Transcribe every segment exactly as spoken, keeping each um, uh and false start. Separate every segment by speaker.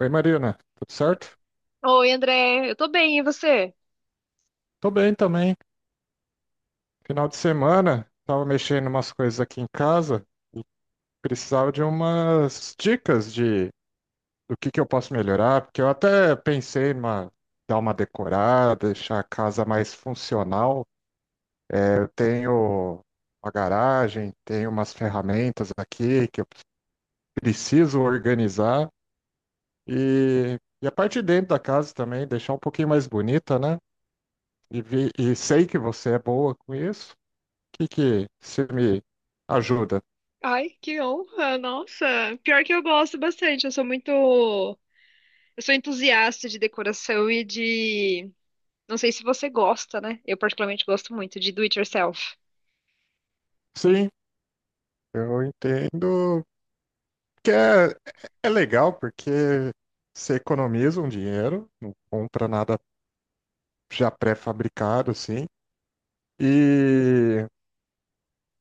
Speaker 1: Oi, Marina, tudo certo?
Speaker 2: Oi, André, eu tô bem, e você?
Speaker 1: Tô bem também. Final de semana, tava mexendo umas coisas aqui em casa e precisava de umas dicas de do que que eu posso melhorar, porque eu até pensei em uma- dar uma decorada, deixar a casa mais funcional. É, eu tenho uma garagem, tenho umas ferramentas aqui que eu preciso organizar e, e a parte de dentro da casa também, deixar um pouquinho mais bonita, né? E, vi- e sei que você é boa com isso. que que você me ajuda?
Speaker 2: Ai, que honra! Nossa, pior que eu gosto bastante. Eu sou muito, eu sou entusiasta de decoração e de, não sei se você gosta, né? Eu particularmente gosto muito de do it yourself.
Speaker 1: Sim, eu entendo que é, é legal porque você economiza um dinheiro, não compra nada já pré-fabricado, assim, e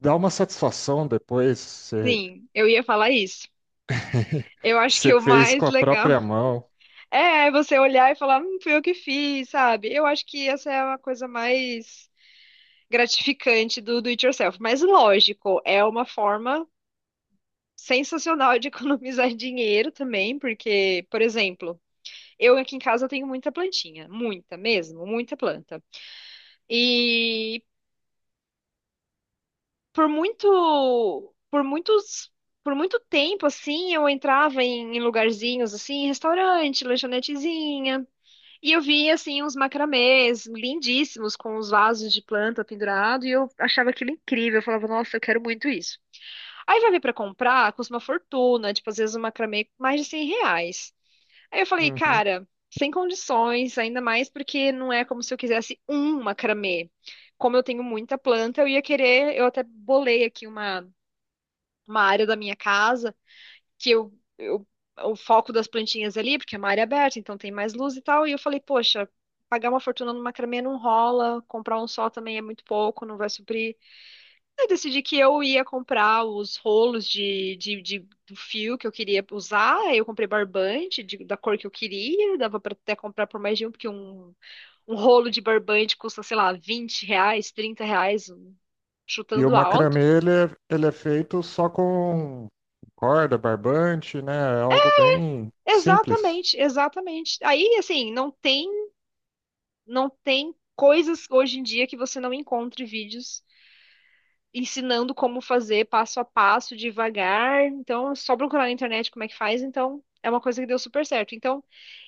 Speaker 1: dá uma satisfação depois, você,
Speaker 2: Sim, eu ia falar isso. Eu acho que
Speaker 1: você
Speaker 2: o
Speaker 1: fez
Speaker 2: mais
Speaker 1: com a
Speaker 2: legal
Speaker 1: própria mão.
Speaker 2: é você olhar e falar, hum, fui eu que fiz, sabe? Eu acho que essa é uma coisa mais gratificante do do it yourself. Mas lógico, é uma forma sensacional de economizar dinheiro também, porque, por exemplo, eu aqui em casa tenho muita plantinha, muita mesmo, muita planta. E por muito, por muitos, por muito tempo assim, eu entrava em, em lugarzinhos assim, restaurante, lanchonetezinha, e eu via assim uns macramês lindíssimos com os vasos de planta pendurado, e eu achava aquilo incrível, eu falava, nossa, eu quero muito isso. Aí vai ver pra comprar, custa uma fortuna, tipo, às vezes um macramê com mais de cem reais. Aí eu falei,
Speaker 1: Uhum.
Speaker 2: cara, sem condições, ainda mais porque não é como se eu quisesse um macramê. Como eu tenho muita planta, eu ia querer, eu até bolei aqui uma, uma área da minha casa que eu, eu o foco das plantinhas ali, porque é uma área aberta, então tem mais luz e tal. E eu falei, poxa, pagar uma fortuna no macramê não rola, comprar um só também é muito pouco, não vai suprir. Eu decidi que eu ia comprar os rolos de, de, de- do fio que eu queria usar. Aí Eu comprei barbante de- da cor que eu queria. Dava para até comprar por mais de um, porque um, um rolo de barbante custa, sei lá, vinte reais, trinta reais, um-
Speaker 1: E o
Speaker 2: chutando
Speaker 1: macramê,
Speaker 2: alto.
Speaker 1: ele é, ele é feito só com corda, barbante, né? É algo bem simples.
Speaker 2: Exatamente, exatamente. Aí, assim, não tem, não tem coisas hoje em dia que você não encontre vídeos ensinando como fazer passo a passo, devagar. Então, é só procurar na internet como é que faz. Então, é uma coisa que deu super certo. Então,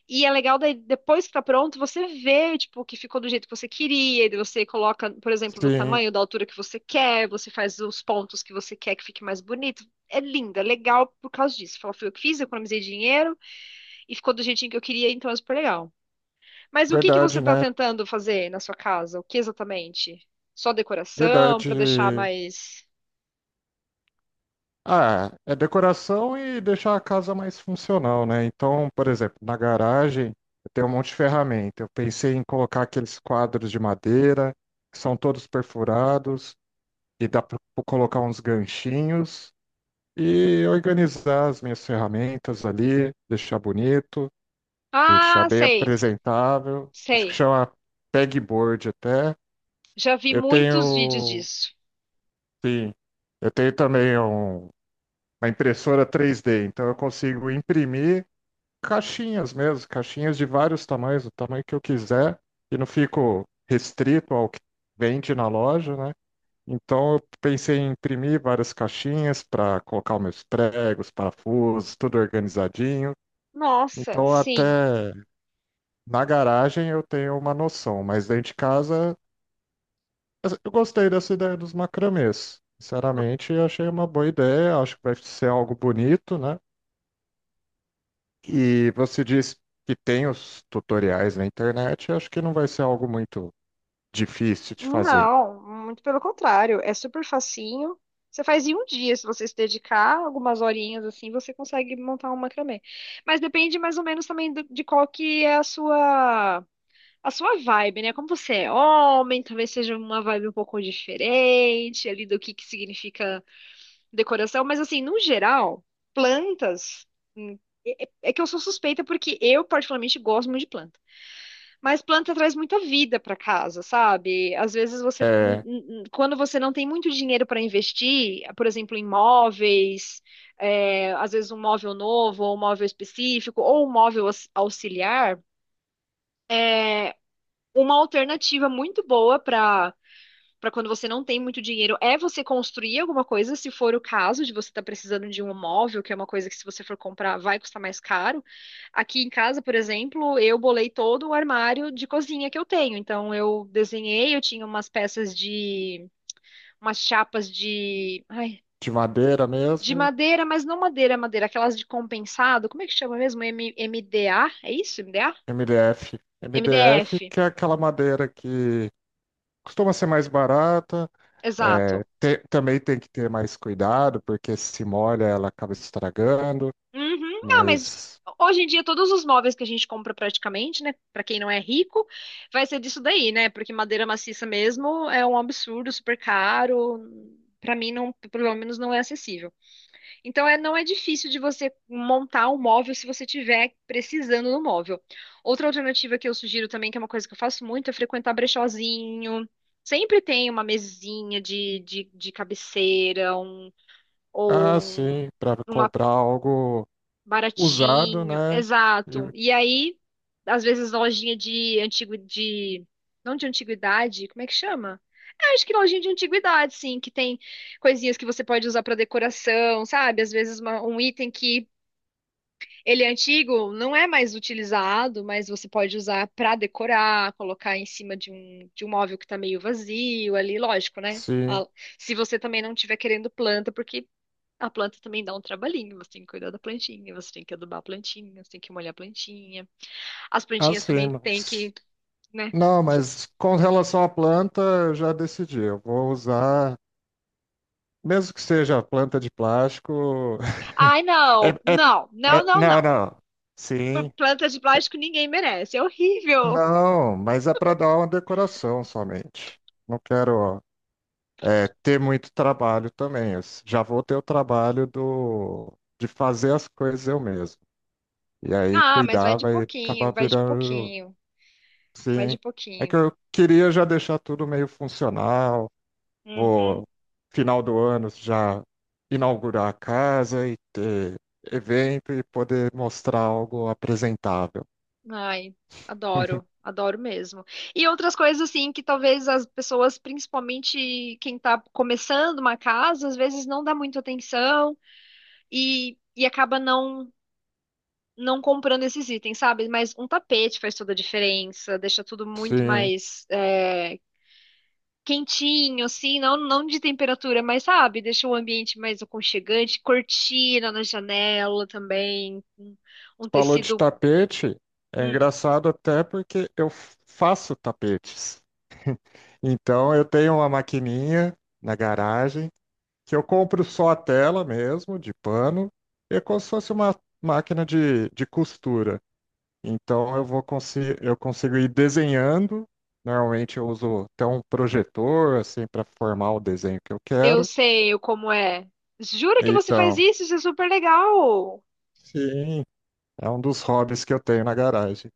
Speaker 2: e é legal daí, depois que tá pronto, você vê, tipo, que ficou do jeito que você queria, e daí você coloca, por exemplo, do
Speaker 1: Sim,
Speaker 2: tamanho, da altura que você quer, você faz os pontos que você quer que fique mais bonito. É lindo, é legal por causa disso. Fala, foi eu que fiz, eu economizei dinheiro e ficou do jeitinho que eu queria, então é super legal. Mas o que que você
Speaker 1: verdade,
Speaker 2: tá
Speaker 1: né?
Speaker 2: tentando fazer na sua casa? O que exatamente? Só
Speaker 1: Verdade.
Speaker 2: decoração para deixar mais.
Speaker 1: Ah, é é decoração e deixar a casa mais funcional, né? Então, por exemplo, na garagem eu tenho um monte de ferramenta. Eu pensei em colocar aqueles quadros de madeira, que são todos perfurados, e dá para colocar uns ganchinhos e organizar as minhas ferramentas ali, deixar bonito, deixar
Speaker 2: Ah,
Speaker 1: bem
Speaker 2: sei,
Speaker 1: apresentável. Acho que
Speaker 2: sei.
Speaker 1: chama pegboard até.
Speaker 2: Já vi
Speaker 1: Eu
Speaker 2: muitos vídeos
Speaker 1: tenho,
Speaker 2: disso.
Speaker 1: sim, eu tenho também um uma impressora três D. Então eu consigo imprimir caixinhas mesmo, caixinhas de vários tamanhos, o tamanho que eu quiser, e não fico restrito ao que vende na loja, né? Então eu pensei em imprimir várias caixinhas para colocar os meus pregos, parafusos, tudo organizadinho.
Speaker 2: Nossa,
Speaker 1: Então
Speaker 2: sim.
Speaker 1: até na garagem eu tenho uma noção, mas dentro de casa eu gostei dessa ideia dos macramês.
Speaker 2: V-
Speaker 1: Sinceramente, eu achei uma boa ideia, acho que vai ser algo bonito, né? E você disse que tem os tutoriais na internet, eu acho que não vai ser algo muito difícil de fazer.
Speaker 2: Não, muito pelo contrário. É super facinho. Você faz em um dia, se você se dedicar algumas horinhas assim, você consegue montar um macramê. Mas depende mais ou menos também do- de qual que é a sua a sua vibe, né? Como você é homem, talvez seja uma vibe um pouco diferente ali do que que significa decoração, mas assim, no geral, plantas. hum, É é- é que eu sou suspeita porque eu, particularmente, gosto muito de planta. Mas planta traz muita vida para casa, sabe? Às vezes você, hum,
Speaker 1: É
Speaker 2: hum, hum, quando você não tem muito dinheiro para investir, por exemplo, em móveis, é, às vezes um móvel novo, ou um móvel específico, ou um móvel aux- auxiliar, uma alternativa muito boa para para quando você não tem muito dinheiro é você construir alguma coisa, se for o caso de você estar precisando de um móvel, que é uma coisa que se você for comprar vai custar mais caro. Aqui em casa, por exemplo, eu bolei todo o armário de cozinha que eu tenho. Então eu desenhei, eu tinha umas peças de umas chapas de, ai,
Speaker 1: de madeira
Speaker 2: de
Speaker 1: mesmo,
Speaker 2: madeira, mas não madeira, madeira, aquelas de compensado, como é que chama mesmo? M- MDA? É isso? M D A?
Speaker 1: M D F. M D F,
Speaker 2: M D F.
Speaker 1: que é aquela madeira que costuma ser mais barata, é,
Speaker 2: Exato.
Speaker 1: te- também tem que ter mais cuidado, porque se molha ela acaba estragando,
Speaker 2: Uhum. Ah, mas
Speaker 1: mas,
Speaker 2: hoje em dia todos os móveis que a gente compra praticamente, né, pra quem não é rico, vai ser disso daí, né? Porque madeira maciça mesmo é um absurdo, super caro. Pra mim não, pelo menos não é acessível. Então é, não é difícil de você montar um móvel se você tiver precisando do móvel. Outra alternativa que eu sugiro também, que é uma coisa que eu faço muito, é frequentar brechózinho. Sempre tem uma mesinha de, de, de cabeceira, um,
Speaker 1: ah,
Speaker 2: ou
Speaker 1: sim, para
Speaker 2: um
Speaker 1: comprar algo usado,
Speaker 2: baratinho,
Speaker 1: né?
Speaker 2: exato.
Speaker 1: De-
Speaker 2: E aí, às vezes, lojinha de antigo de. Não de antiguidade, como é que chama? É, acho que lojinha de antiguidade, sim, que tem coisinhas que você pode usar para decoração, sabe? Às vezes uma- um item que ele é antigo, não é mais utilizado, mas você pode usar para decorar, colocar em cima de um, de um móvel que tá meio vazio ali, lógico, né?
Speaker 1: Sim,
Speaker 2: A- Se você também não estiver querendo planta, porque a planta também dá um trabalhinho, você tem que cuidar da plantinha, você tem que adubar a plantinha, você tem que molhar a plantinha. As
Speaker 1: ah,
Speaker 2: plantinhas
Speaker 1: sim,
Speaker 2: também tem
Speaker 1: mas.
Speaker 2: que, né?
Speaker 1: Não, mas com relação à planta, eu já decidi. Eu vou usar, mesmo que seja planta de plástico.
Speaker 2: Ai,
Speaker 1: É,
Speaker 2: não,
Speaker 1: é-
Speaker 2: não, não,
Speaker 1: é-
Speaker 2: não,
Speaker 1: não,
Speaker 2: não.
Speaker 1: não. Sim.
Speaker 2: Planta de plástico ninguém merece, é horrível.
Speaker 1: Não, mas é para dar uma decoração somente. Não quero, é, ter muito trabalho também. Eu s- já vou ter o trabalho do, de fazer as coisas eu mesmo. E aí
Speaker 2: Ah, mas vai
Speaker 1: cuidar
Speaker 2: de
Speaker 1: vai acabar
Speaker 2: pouquinho, vai de
Speaker 1: virando.
Speaker 2: pouquinho, vai
Speaker 1: Sim.
Speaker 2: de
Speaker 1: É que
Speaker 2: pouquinho.
Speaker 1: eu queria já deixar tudo meio funcional. Vou,
Speaker 2: Uhum.
Speaker 1: final do ano, já inaugurar a casa e ter evento e poder mostrar algo apresentável.
Speaker 2: Ai, adoro, adoro mesmo. E outras coisas assim que talvez as pessoas, principalmente quem tá começando uma casa, às vezes não dá muita atenção e, e acaba não não comprando esses itens, sabe? Mas um tapete faz toda a diferença, deixa tudo muito
Speaker 1: Sim,
Speaker 2: mais é, quentinho, assim, não, não de temperatura, mas sabe? Deixa o ambiente mais aconchegante, cortina na janela também, um, um
Speaker 1: falou de
Speaker 2: tecido.
Speaker 1: tapete, é
Speaker 2: hum,
Speaker 1: engraçado até porque eu faço tapetes. Então eu tenho uma maquininha na garagem que eu compro só a tela mesmo, de pano, e é como se fosse uma máquina de, de costura. Então eu vou conseguir, eu consigo ir desenhando. Normalmente eu uso até um projetor assim para formar o desenho que eu
Speaker 2: eu
Speaker 1: quero.
Speaker 2: sei como é. Jura que você faz
Speaker 1: Então,
Speaker 2: isso? Isso é super legal!
Speaker 1: sim, é um dos hobbies que eu tenho na garagem.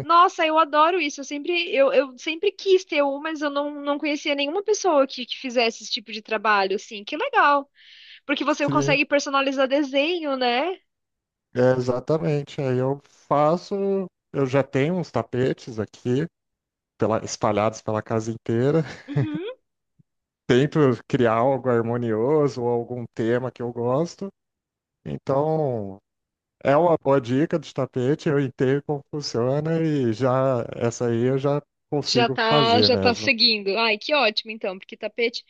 Speaker 2: Nossa, eu adoro isso. Eu sempre, eu, eu sempre quis ter um, mas eu não, não conhecia nenhuma pessoa que, que fizesse esse tipo de trabalho, assim. Que legal! Porque você
Speaker 1: Sim,
Speaker 2: consegue personalizar desenho, né?
Speaker 1: é exatamente. Aí eu faço, eu já tenho uns tapetes aqui, pela- espalhados pela casa inteira.
Speaker 2: Uhum.
Speaker 1: Tento criar algo harmonioso ou algum tema que eu gosto. Então, é uma boa dica de tapete, eu entendo como funciona e já essa aí eu já
Speaker 2: Já
Speaker 1: consigo
Speaker 2: tá,
Speaker 1: fazer
Speaker 2: já tá
Speaker 1: mesmo.
Speaker 2: seguindo. Ai, que ótimo, então, porque tapete.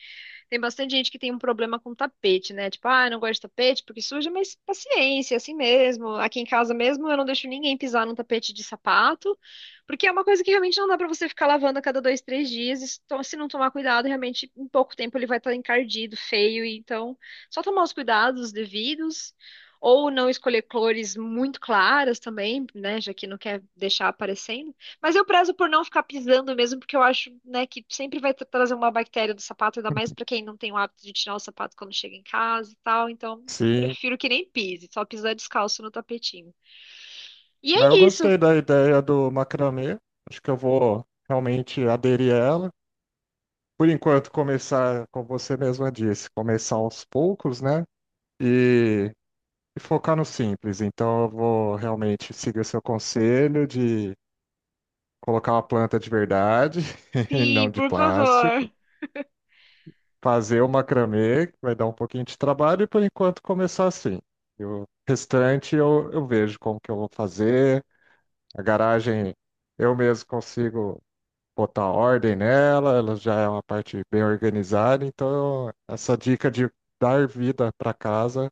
Speaker 2: Tem bastante gente que tem um problema com tapete, né? Tipo, ah, eu não gosto de tapete porque suja, mas paciência, assim mesmo. Aqui em casa mesmo eu não deixo ninguém pisar num tapete de sapato, porque é uma coisa que realmente não dá pra você ficar lavando a cada dois, três dias. E se to- se não tomar cuidado, realmente em pouco tempo ele vai estar encardido, feio. e Então, só tomar os cuidados devidos. Ou não escolher cores muito claras também, né? Já que não quer deixar aparecendo. Mas eu prezo por não ficar pisando mesmo, porque eu acho, né, que sempre vai tra- trazer uma bactéria do sapato, ainda mais pra quem não tem o hábito de tirar o sapato quando chega em casa e tal. Então,
Speaker 1: Sim,
Speaker 2: prefiro que nem pise, só pisar descalço no tapetinho. E
Speaker 1: mas
Speaker 2: é
Speaker 1: eu
Speaker 2: isso.
Speaker 1: gostei da ideia do macramê. Acho que eu vou realmente aderir a ela. Por enquanto, começar, como você mesma disse, começar aos poucos, né? E, e focar no simples. Então, eu vou realmente seguir o seu conselho de colocar uma planta de verdade e não
Speaker 2: Sim,
Speaker 1: de
Speaker 2: por favor.
Speaker 1: plástico. Fazer o macramê, que vai dar um pouquinho de trabalho, e por enquanto começar assim. E o restante eu, eu vejo como que eu vou fazer. A garagem eu mesmo consigo botar ordem nela, ela já é uma parte bem organizada, então essa dica de dar vida para casa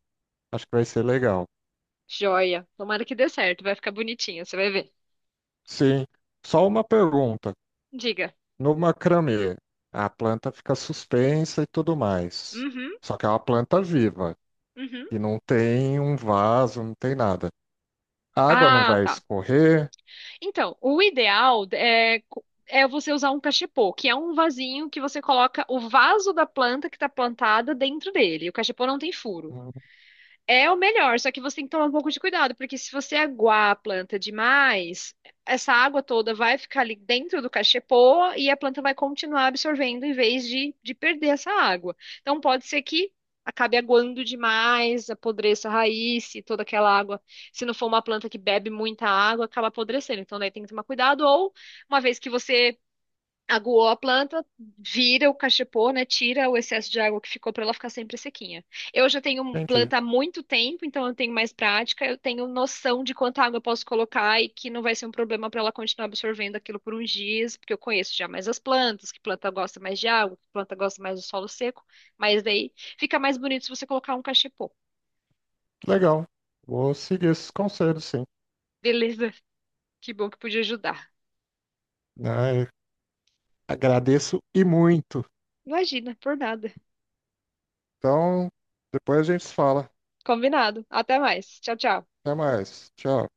Speaker 1: acho que vai ser legal.
Speaker 2: Joia. Tomara que dê certo, vai ficar bonitinho, você vai ver.
Speaker 1: Sim, só uma pergunta.
Speaker 2: Diga.
Speaker 1: No macramê, a planta fica suspensa e tudo mais.
Speaker 2: Uhum,
Speaker 1: Só que é uma planta viva.
Speaker 2: uhum.
Speaker 1: E não tem um vaso, não tem nada. A água não
Speaker 2: Ah,
Speaker 1: vai
Speaker 2: tá.
Speaker 1: escorrer.
Speaker 2: Então, o ideal é co- é você usar um cachepô, que é um vasinho que você coloca o vaso da planta que tá plantada dentro dele. O cachepô não tem furo.
Speaker 1: Hum.
Speaker 2: É o melhor, só que você tem que tomar um pouco de cuidado, porque se você aguar a planta demais, essa água toda vai ficar ali dentro do cachepô e a planta vai continuar absorvendo em vez de, de perder essa água. Então pode ser que acabe aguando demais, apodreça a raiz e toda aquela água. Se não for uma planta que bebe muita água, acaba apodrecendo. Então daí tem que tomar cuidado, ou uma vez que você aguou a planta, vira o cachepô, né? Tira o excesso de água que ficou para ela ficar sempre sequinha. Eu já tenho
Speaker 1: Entendi.
Speaker 2: planta há muito tempo, então eu tenho mais prática, eu tenho noção de quanta água eu posso colocar e que não vai ser um problema para ela continuar absorvendo aquilo por uns dias, porque eu conheço já mais as plantas, que planta gosta mais de água, que planta gosta mais do solo seco, mas daí fica mais bonito se você colocar um cachepô.
Speaker 1: Legal. Vou seguir esses conselhos, sim.
Speaker 2: Beleza, que bom que pude ajudar.
Speaker 1: Ai, agradeço e muito.
Speaker 2: Imagina, por nada.
Speaker 1: Então, depois a gente se fala.
Speaker 2: Combinado. Até mais. Tchau, tchau.
Speaker 1: Até mais. Tchau.